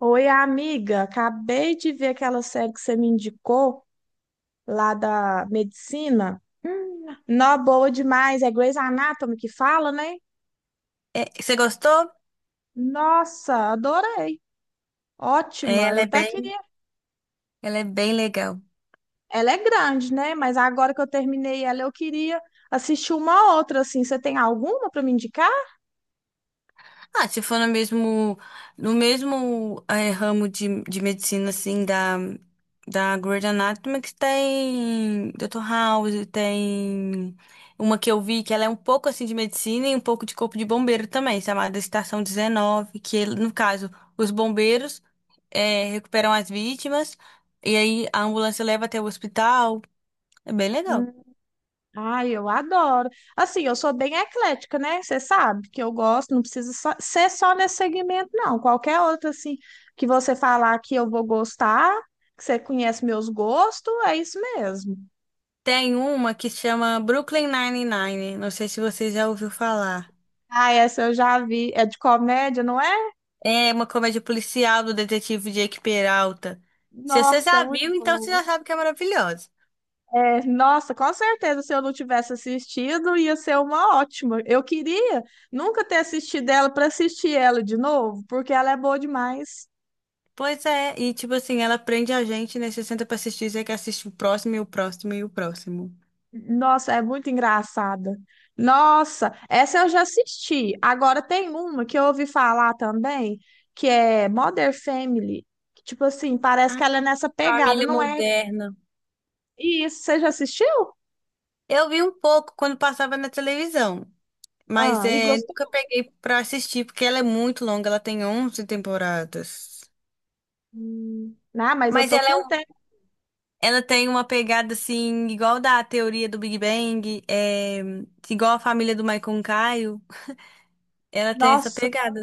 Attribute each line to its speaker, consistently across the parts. Speaker 1: Oi, amiga, acabei de ver aquela série que você me indicou lá da medicina. Nó boa demais, é Grey's Anatomy que fala, né?
Speaker 2: É, você gostou?
Speaker 1: Nossa, adorei.
Speaker 2: É,
Speaker 1: Ótima. Eu até queria.
Speaker 2: ela é bem legal.
Speaker 1: Ela é grande, né? Mas agora que eu terminei ela, eu queria assistir uma outra assim. Você tem alguma para me indicar?
Speaker 2: Ah, se for no mesmo, no mesmo ramo de medicina, assim, da, da Grey's Anatomy, que tem Doutor House, tem uma que eu vi que ela é um pouco, assim, de medicina e um pouco de corpo de bombeiro também, chamada Estação 19, que, no caso, os bombeiros recuperam as vítimas e aí a ambulância leva até o hospital. É bem legal.
Speaker 1: Ai, eu adoro. Assim, eu sou bem eclética, né? Você sabe que eu gosto, não precisa só- ser só nesse segmento, não. Qualquer outro, assim, que você falar que eu vou gostar, que você conhece meus gostos, é isso mesmo.
Speaker 2: Tem uma que chama Brooklyn Nine-Nine. Não sei se você já ouviu falar.
Speaker 1: Ah, essa eu já vi. É de comédia, não é?
Speaker 2: É uma comédia policial do detetive Jake Peralta. Se você
Speaker 1: Nossa, é
Speaker 2: já
Speaker 1: muito
Speaker 2: viu, então você
Speaker 1: boa.
Speaker 2: já sabe que é maravilhosa.
Speaker 1: É, nossa, com certeza, se eu não tivesse assistido, ia ser uma ótima. Eu queria nunca ter assistido ela para assistir ela de novo, porque ela é boa demais.
Speaker 2: Pois é, e tipo assim, ela prende a gente, né? Você senta pra assistir, você quer assistir o próximo e o próximo e o próximo.
Speaker 1: Nossa, é muito engraçada. Nossa, essa eu já assisti. Agora tem uma que eu ouvi falar também, que é Mother Family. Que, tipo assim, parece que ela é
Speaker 2: Ah,
Speaker 1: nessa pegada,
Speaker 2: família
Speaker 1: não é?
Speaker 2: moderna.
Speaker 1: E isso, você já assistiu?
Speaker 2: Eu vi um pouco quando passava na televisão, mas
Speaker 1: Ah, e
Speaker 2: é,
Speaker 1: gostou?
Speaker 2: nunca peguei pra assistir, porque ela é muito longa, ela tem 11 temporadas.
Speaker 1: Não, mas eu
Speaker 2: Mas
Speaker 1: tô
Speaker 2: ela é
Speaker 1: com tempo.
Speaker 2: ela tem uma pegada assim, igual da teoria do Big Bang, é, igual a família do Michael Caio. Ela tem essa
Speaker 1: Nossa,
Speaker 2: pegada.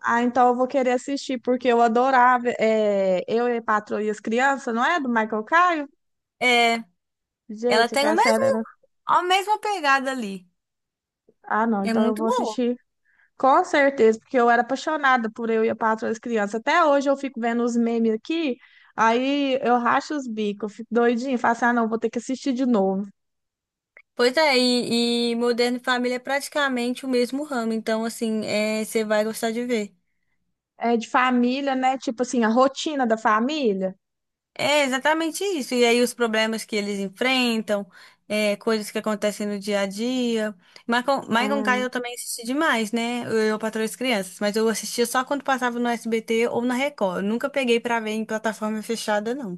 Speaker 1: ah, então eu vou querer assistir, porque eu adorava. É, eu e a Patroa e as Crianças, não é? Do Michael Caio?
Speaker 2: É, ela
Speaker 1: Gente, que
Speaker 2: tem o
Speaker 1: a
Speaker 2: mesmo,
Speaker 1: série era.
Speaker 2: a mesma pegada ali.
Speaker 1: Ah, não,
Speaker 2: É
Speaker 1: então eu
Speaker 2: muito
Speaker 1: vou
Speaker 2: boa.
Speaker 1: assistir. Com certeza, porque eu era apaixonada por Eu e a Patroa das Crianças. Até hoje eu fico vendo os memes aqui, aí eu racho os bicos, eu fico doidinha, falo assim, ah, não, vou ter que assistir de novo.
Speaker 2: Pois é, e Modern Family é praticamente o mesmo ramo, então assim, é, você vai gostar de ver.
Speaker 1: É de família, né? Tipo assim, a rotina da família.
Speaker 2: É exatamente isso. E aí os problemas que eles enfrentam, é, coisas que acontecem no dia a dia. Michael, Michael Caine eu também assisti demais, né? Eu Patroa e as Crianças, mas eu assistia só quando passava no SBT ou na Record. Eu nunca peguei pra ver em plataforma fechada, não.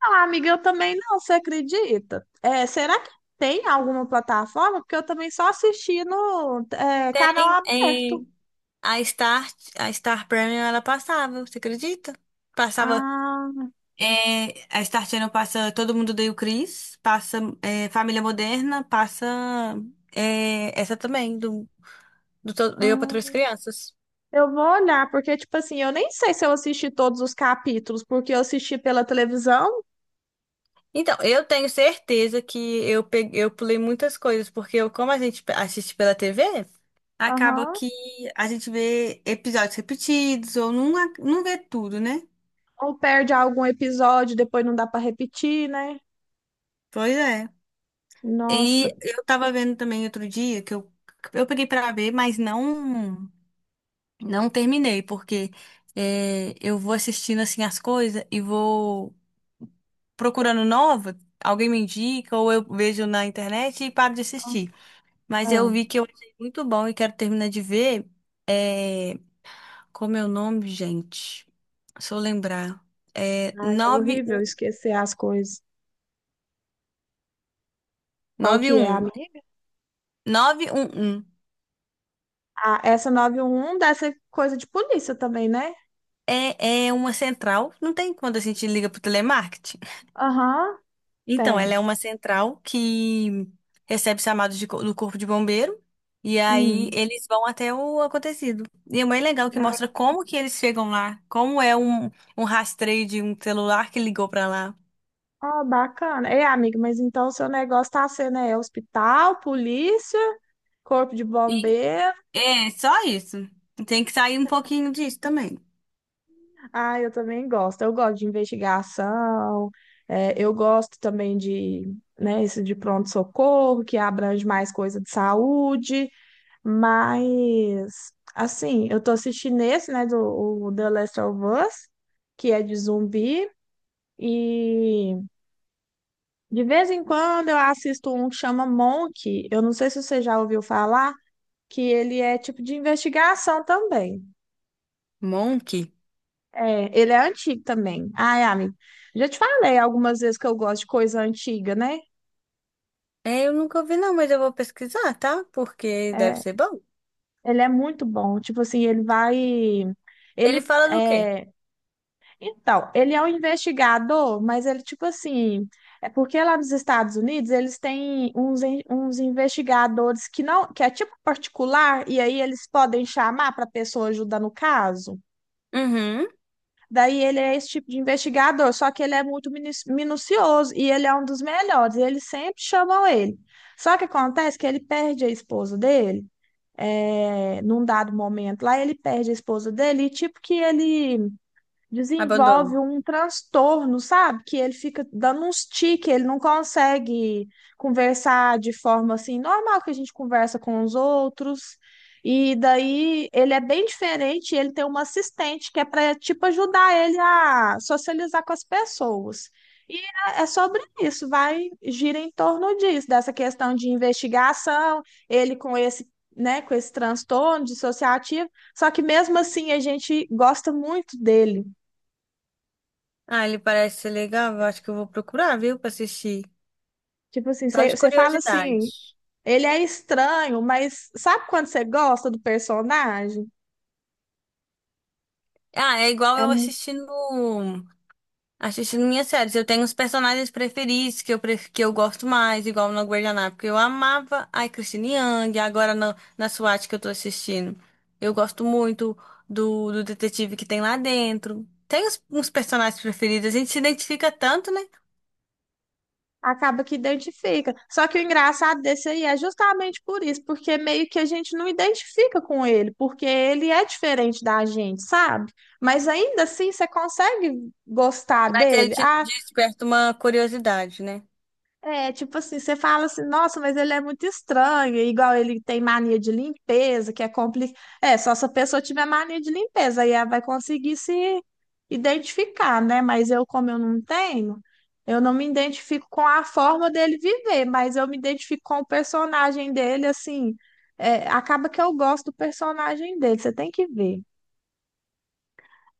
Speaker 1: Ah, amiga, eu também não, você acredita? É, será que tem alguma plataforma? Porque eu também só assisti no canal
Speaker 2: É,
Speaker 1: aberto.
Speaker 2: a Star, a Star Premium ela passava, você acredita? Passava.
Speaker 1: Ah,
Speaker 2: É, a Star Channel passa Todo Mundo Odeia o Chris, passa é, Família Moderna, passa é, essa também. Do Eu para três
Speaker 1: hum,
Speaker 2: crianças.
Speaker 1: eu vou olhar, porque, tipo assim, eu nem sei se eu assisti todos os capítulos, porque eu assisti pela televisão.
Speaker 2: Então, eu tenho certeza que eu peguei, eu pulei muitas coisas, porque eu, como assiste pela TV, acaba
Speaker 1: Aham.
Speaker 2: que a gente vê episódios repetidos ou não, não vê tudo, né?
Speaker 1: Ou perde algum episódio, depois não dá para repetir, né?
Speaker 2: Pois é. E
Speaker 1: Nossa,
Speaker 2: eu tava vendo também outro dia que eu peguei pra ver, mas não terminei, porque é, eu vou assistindo assim as coisas e vou procurando nova, alguém me indica ou eu vejo na internet e paro de assistir. Mas eu
Speaker 1: ah,
Speaker 2: vi que eu achei muito bom e quero terminar de ver. É... Como é o nome, gente? Se eu lembrar. É
Speaker 1: ai, é horrível
Speaker 2: 91.
Speaker 1: esquecer as coisas. Qual que é, amiga?
Speaker 2: 911.
Speaker 1: Ah, essa 911 deve ser coisa de polícia também, né?
Speaker 2: é uma central. Não tem quando a gente liga pro telemarketing.
Speaker 1: Aham,
Speaker 2: Então, ela é
Speaker 1: tem.
Speaker 2: uma central que recebe chamados do corpo de bombeiro. E aí
Speaker 1: Hum.
Speaker 2: eles vão até o acontecido. E é bem legal que mostra
Speaker 1: Ah,
Speaker 2: como que eles chegam lá, como é um, um rastreio de um celular que ligou pra lá.
Speaker 1: ó, bacana. É amiga, mas então o seu negócio tá sendo hospital, polícia, corpo de bombeiro.
Speaker 2: É, só isso. Tem que sair um pouquinho disso também.
Speaker 1: Ah, eu também gosto. Eu gosto de investigação. Eu gosto também de, né, isso de pronto-socorro, que abrange mais coisa de saúde. Mas, assim, eu tô assistindo esse, né, do o The Last of Us, que é de zumbi. E de vez em quando eu assisto um que chama Monk. Eu não sei se você já ouviu falar, que ele é tipo de investigação também.
Speaker 2: Monk?
Speaker 1: É, ele é antigo também. Ai, amigo, já te falei algumas vezes que eu gosto de coisa antiga, né?
Speaker 2: É, eu nunca ouvi não, mas eu vou pesquisar, tá? Porque deve
Speaker 1: É,
Speaker 2: ser bom.
Speaker 1: ele é muito bom. Tipo assim, ele vai.
Speaker 2: Ele
Speaker 1: Ele
Speaker 2: fala do quê?
Speaker 1: é. Então, ele é um investigador, mas ele, tipo assim. É porque lá nos Estados Unidos eles têm uns, uns investigadores que não, que é tipo particular, e aí eles podem chamar para a pessoa ajudar no caso.
Speaker 2: Uhum.
Speaker 1: Daí ele é esse tipo de investigador, só que ele é muito minucioso e ele é um dos melhores, e eles sempre chamam ele. Só que acontece que ele perde a esposa dele, é, num dado momento lá, ele perde a esposa dele e tipo que ele
Speaker 2: Abandono.
Speaker 1: desenvolve um transtorno, sabe? Que ele fica dando uns tiques, ele não consegue conversar de forma assim, normal que a gente conversa com os outros. E daí ele é bem diferente, ele tem uma assistente que é para tipo ajudar ele a socializar com as pessoas. E é sobre isso, vai gira em torno disso, dessa questão de investigação, ele com esse, né, com esse transtorno dissociativo, só que mesmo assim a gente gosta muito dele.
Speaker 2: Ah, ele parece ser legal. Eu acho que eu vou procurar, viu, pra assistir.
Speaker 1: Tipo assim,
Speaker 2: Só
Speaker 1: você
Speaker 2: de
Speaker 1: você fala
Speaker 2: curiosidade.
Speaker 1: assim, ele é estranho, mas sabe quando você gosta do personagem?
Speaker 2: Ah, é igual
Speaker 1: É,
Speaker 2: eu
Speaker 1: mu-
Speaker 2: assistindo. Assistindo minhas séries, eu tenho os personagens preferidos que que eu gosto mais, igual no Guardanapo, que eu amava a Christine Yang, agora na SWAT que eu tô assistindo. Eu gosto muito do detetive que tem lá dentro. Tem uns, uns personagens preferidos, a gente se identifica tanto, né?
Speaker 1: Acaba que identifica. Só que o engraçado desse aí é justamente por isso, porque meio que a gente não identifica com ele, porque ele é diferente da gente, sabe? Mas ainda assim você consegue gostar
Speaker 2: Mas a
Speaker 1: dele.
Speaker 2: gente
Speaker 1: Ah,
Speaker 2: desperta uma curiosidade, né?
Speaker 1: é, tipo assim, você fala assim, nossa, mas ele é muito estranho, igual ele tem mania de limpeza, que é complicado. É, só se a pessoa tiver mania de limpeza, aí ela vai conseguir se identificar, né? Mas eu, como eu não tenho, eu não me identifico com a forma dele viver, mas eu me identifico com o personagem dele, assim, é, acaba que eu gosto do personagem dele, você tem que ver.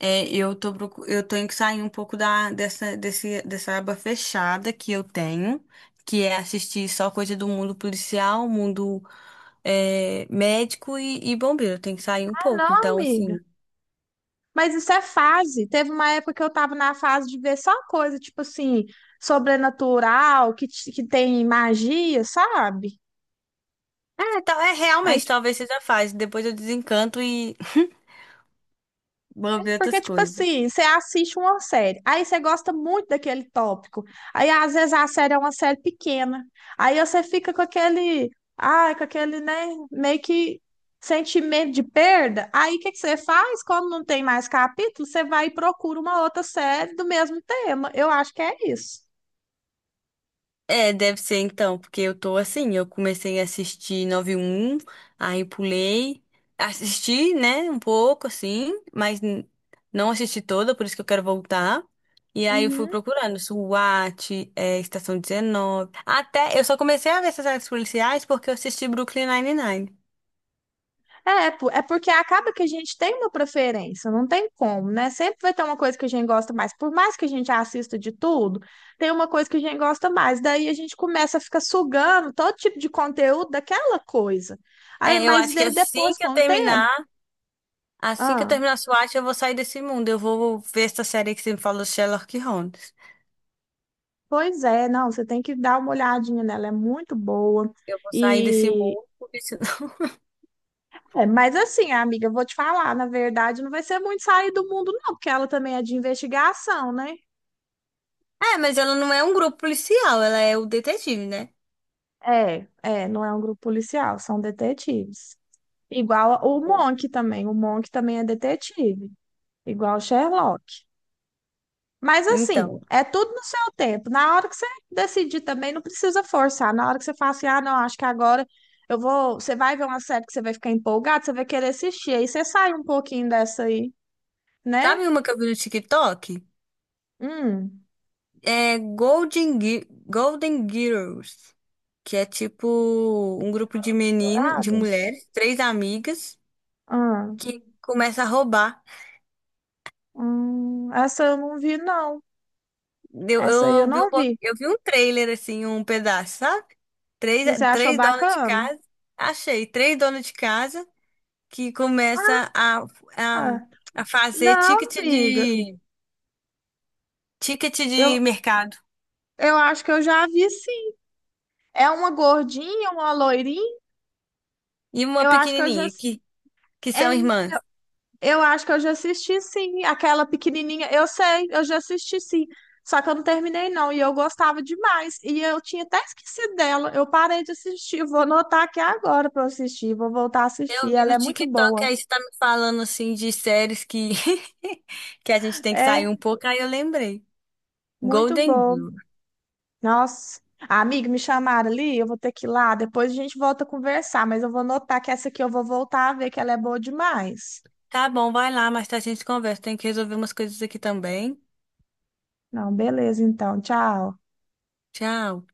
Speaker 2: É, eu tenho que sair um pouco dessa aba fechada que eu tenho, que é assistir só coisa do mundo policial, mundo é, médico e bombeiro. Eu tenho que sair um
Speaker 1: Ah,
Speaker 2: pouco.
Speaker 1: não,
Speaker 2: Então,
Speaker 1: amiga.
Speaker 2: assim.
Speaker 1: Mas isso é fase. Teve uma época que eu tava na fase de ver só coisa, tipo assim, sobrenatural, que tem magia, sabe?
Speaker 2: É, é
Speaker 1: Aí,
Speaker 2: realmente,
Speaker 1: tipo,
Speaker 2: talvez seja fácil. Depois eu desencanto e vou ver
Speaker 1: porque,
Speaker 2: outras
Speaker 1: tipo
Speaker 2: coisas.
Speaker 1: assim, você assiste uma série, aí você gosta muito daquele tópico. Aí, às vezes, a série é uma série pequena. Aí você fica com aquele, ai, com aquele, né, meio que sentimento de perda. Aí, o que que você faz? Quando não tem mais capítulo, você vai e procura uma outra série do mesmo tema. Eu acho que é isso.
Speaker 2: É, deve ser então, porque eu tô assim, eu comecei a assistir Nove aí pulei, assisti, né, um pouco assim, não assisti toda, por isso que eu quero voltar. E aí eu fui
Speaker 1: Uhum.
Speaker 2: procurando SWAT, é, Estação 19. Até eu só comecei a ver essas séries policiais porque eu assisti Brooklyn Nine-Nine.
Speaker 1: É porque acaba que a gente tem uma preferência, não tem como, né? Sempre vai ter uma coisa que a gente gosta mais. Por mais que a gente assista de tudo, tem uma coisa que a gente gosta mais. Daí a gente começa a ficar sugando todo tipo de conteúdo daquela coisa. Aí,
Speaker 2: É, eu
Speaker 1: mas
Speaker 2: acho que
Speaker 1: daí
Speaker 2: assim
Speaker 1: depois,
Speaker 2: que
Speaker 1: com
Speaker 2: eu
Speaker 1: o tempo,
Speaker 2: terminar, assim que eu
Speaker 1: ah,
Speaker 2: terminar SWAT, eu vou sair desse mundo. Eu vou ver essa série que você me falou, Sherlock Holmes.
Speaker 1: pois é, não, você tem que dar uma olhadinha nela, é muito boa.
Speaker 2: Eu vou sair desse
Speaker 1: E
Speaker 2: mundo, porque senão
Speaker 1: é, mas assim, amiga, eu vou te falar, na verdade, não vai ser muito sair do mundo, não, porque ela também é de investigação, né?
Speaker 2: é, mas ela não é um grupo policial, ela é o detetive, né?
Speaker 1: É, é, não é um grupo policial, são detetives. O Monk também, o Monk também é detetive, igual o Sherlock. Mas assim,
Speaker 2: Então,
Speaker 1: é tudo no seu tempo. Na hora que você decidir também, não precisa forçar. Na hora que você fala assim, ah, não, acho que agora eu vou. Você vai ver uma série que você vai ficar empolgado, você vai querer assistir. Aí você sai um pouquinho dessa aí, né?
Speaker 2: sabe uma que eu vi no TikTok?
Speaker 1: Hum.
Speaker 2: É Golden Girls, que é tipo um grupo de
Speaker 1: Garotas
Speaker 2: meninas, de
Speaker 1: Douradas?
Speaker 2: mulheres, três amigas,
Speaker 1: Ah,
Speaker 2: que começa a roubar.
Speaker 1: essa eu não vi, não.
Speaker 2: Eu,
Speaker 1: Essa aí eu
Speaker 2: eu vi um,
Speaker 1: não vi.
Speaker 2: eu vi um trailer, assim, um pedaço, sabe? Três,
Speaker 1: E você achou
Speaker 2: três donas de
Speaker 1: bacana?
Speaker 2: casa, achei, três donas de casa que começa a,
Speaker 1: Ah.
Speaker 2: a fazer
Speaker 1: Não, amiga.
Speaker 2: ticket
Speaker 1: Eu,
Speaker 2: de mercado.
Speaker 1: eu acho que eu já vi sim. É uma gordinha, uma loirinha?
Speaker 2: E uma
Speaker 1: Eu acho que eu já.
Speaker 2: pequenininha, que são
Speaker 1: É,
Speaker 2: irmãs.
Speaker 1: eu acho que eu já assisti sim. Aquela pequenininha. Eu sei, eu já assisti sim. Só que eu não terminei não. E eu gostava demais. E eu tinha até esquecido dela. Eu parei de assistir. Vou anotar aqui agora pra eu assistir. Vou voltar a
Speaker 2: Eu
Speaker 1: assistir.
Speaker 2: vi
Speaker 1: Ela
Speaker 2: no
Speaker 1: é muito
Speaker 2: TikTok,
Speaker 1: boa.
Speaker 2: aí você tá me falando, assim, de séries que, que a gente tem que sair
Speaker 1: É,
Speaker 2: um pouco, aí eu lembrei.
Speaker 1: muito
Speaker 2: Golden
Speaker 1: boa.
Speaker 2: Girl.
Speaker 1: Nossa. Ah, amiga, me chamaram ali, eu vou ter que ir lá. Depois a gente volta a conversar, mas eu vou notar que essa aqui eu vou voltar a ver que ela é boa demais.
Speaker 2: Tá bom, vai lá, mas a gente conversa. Tem que resolver umas coisas aqui também.
Speaker 1: Não, beleza, então. Tchau.
Speaker 2: Tchau.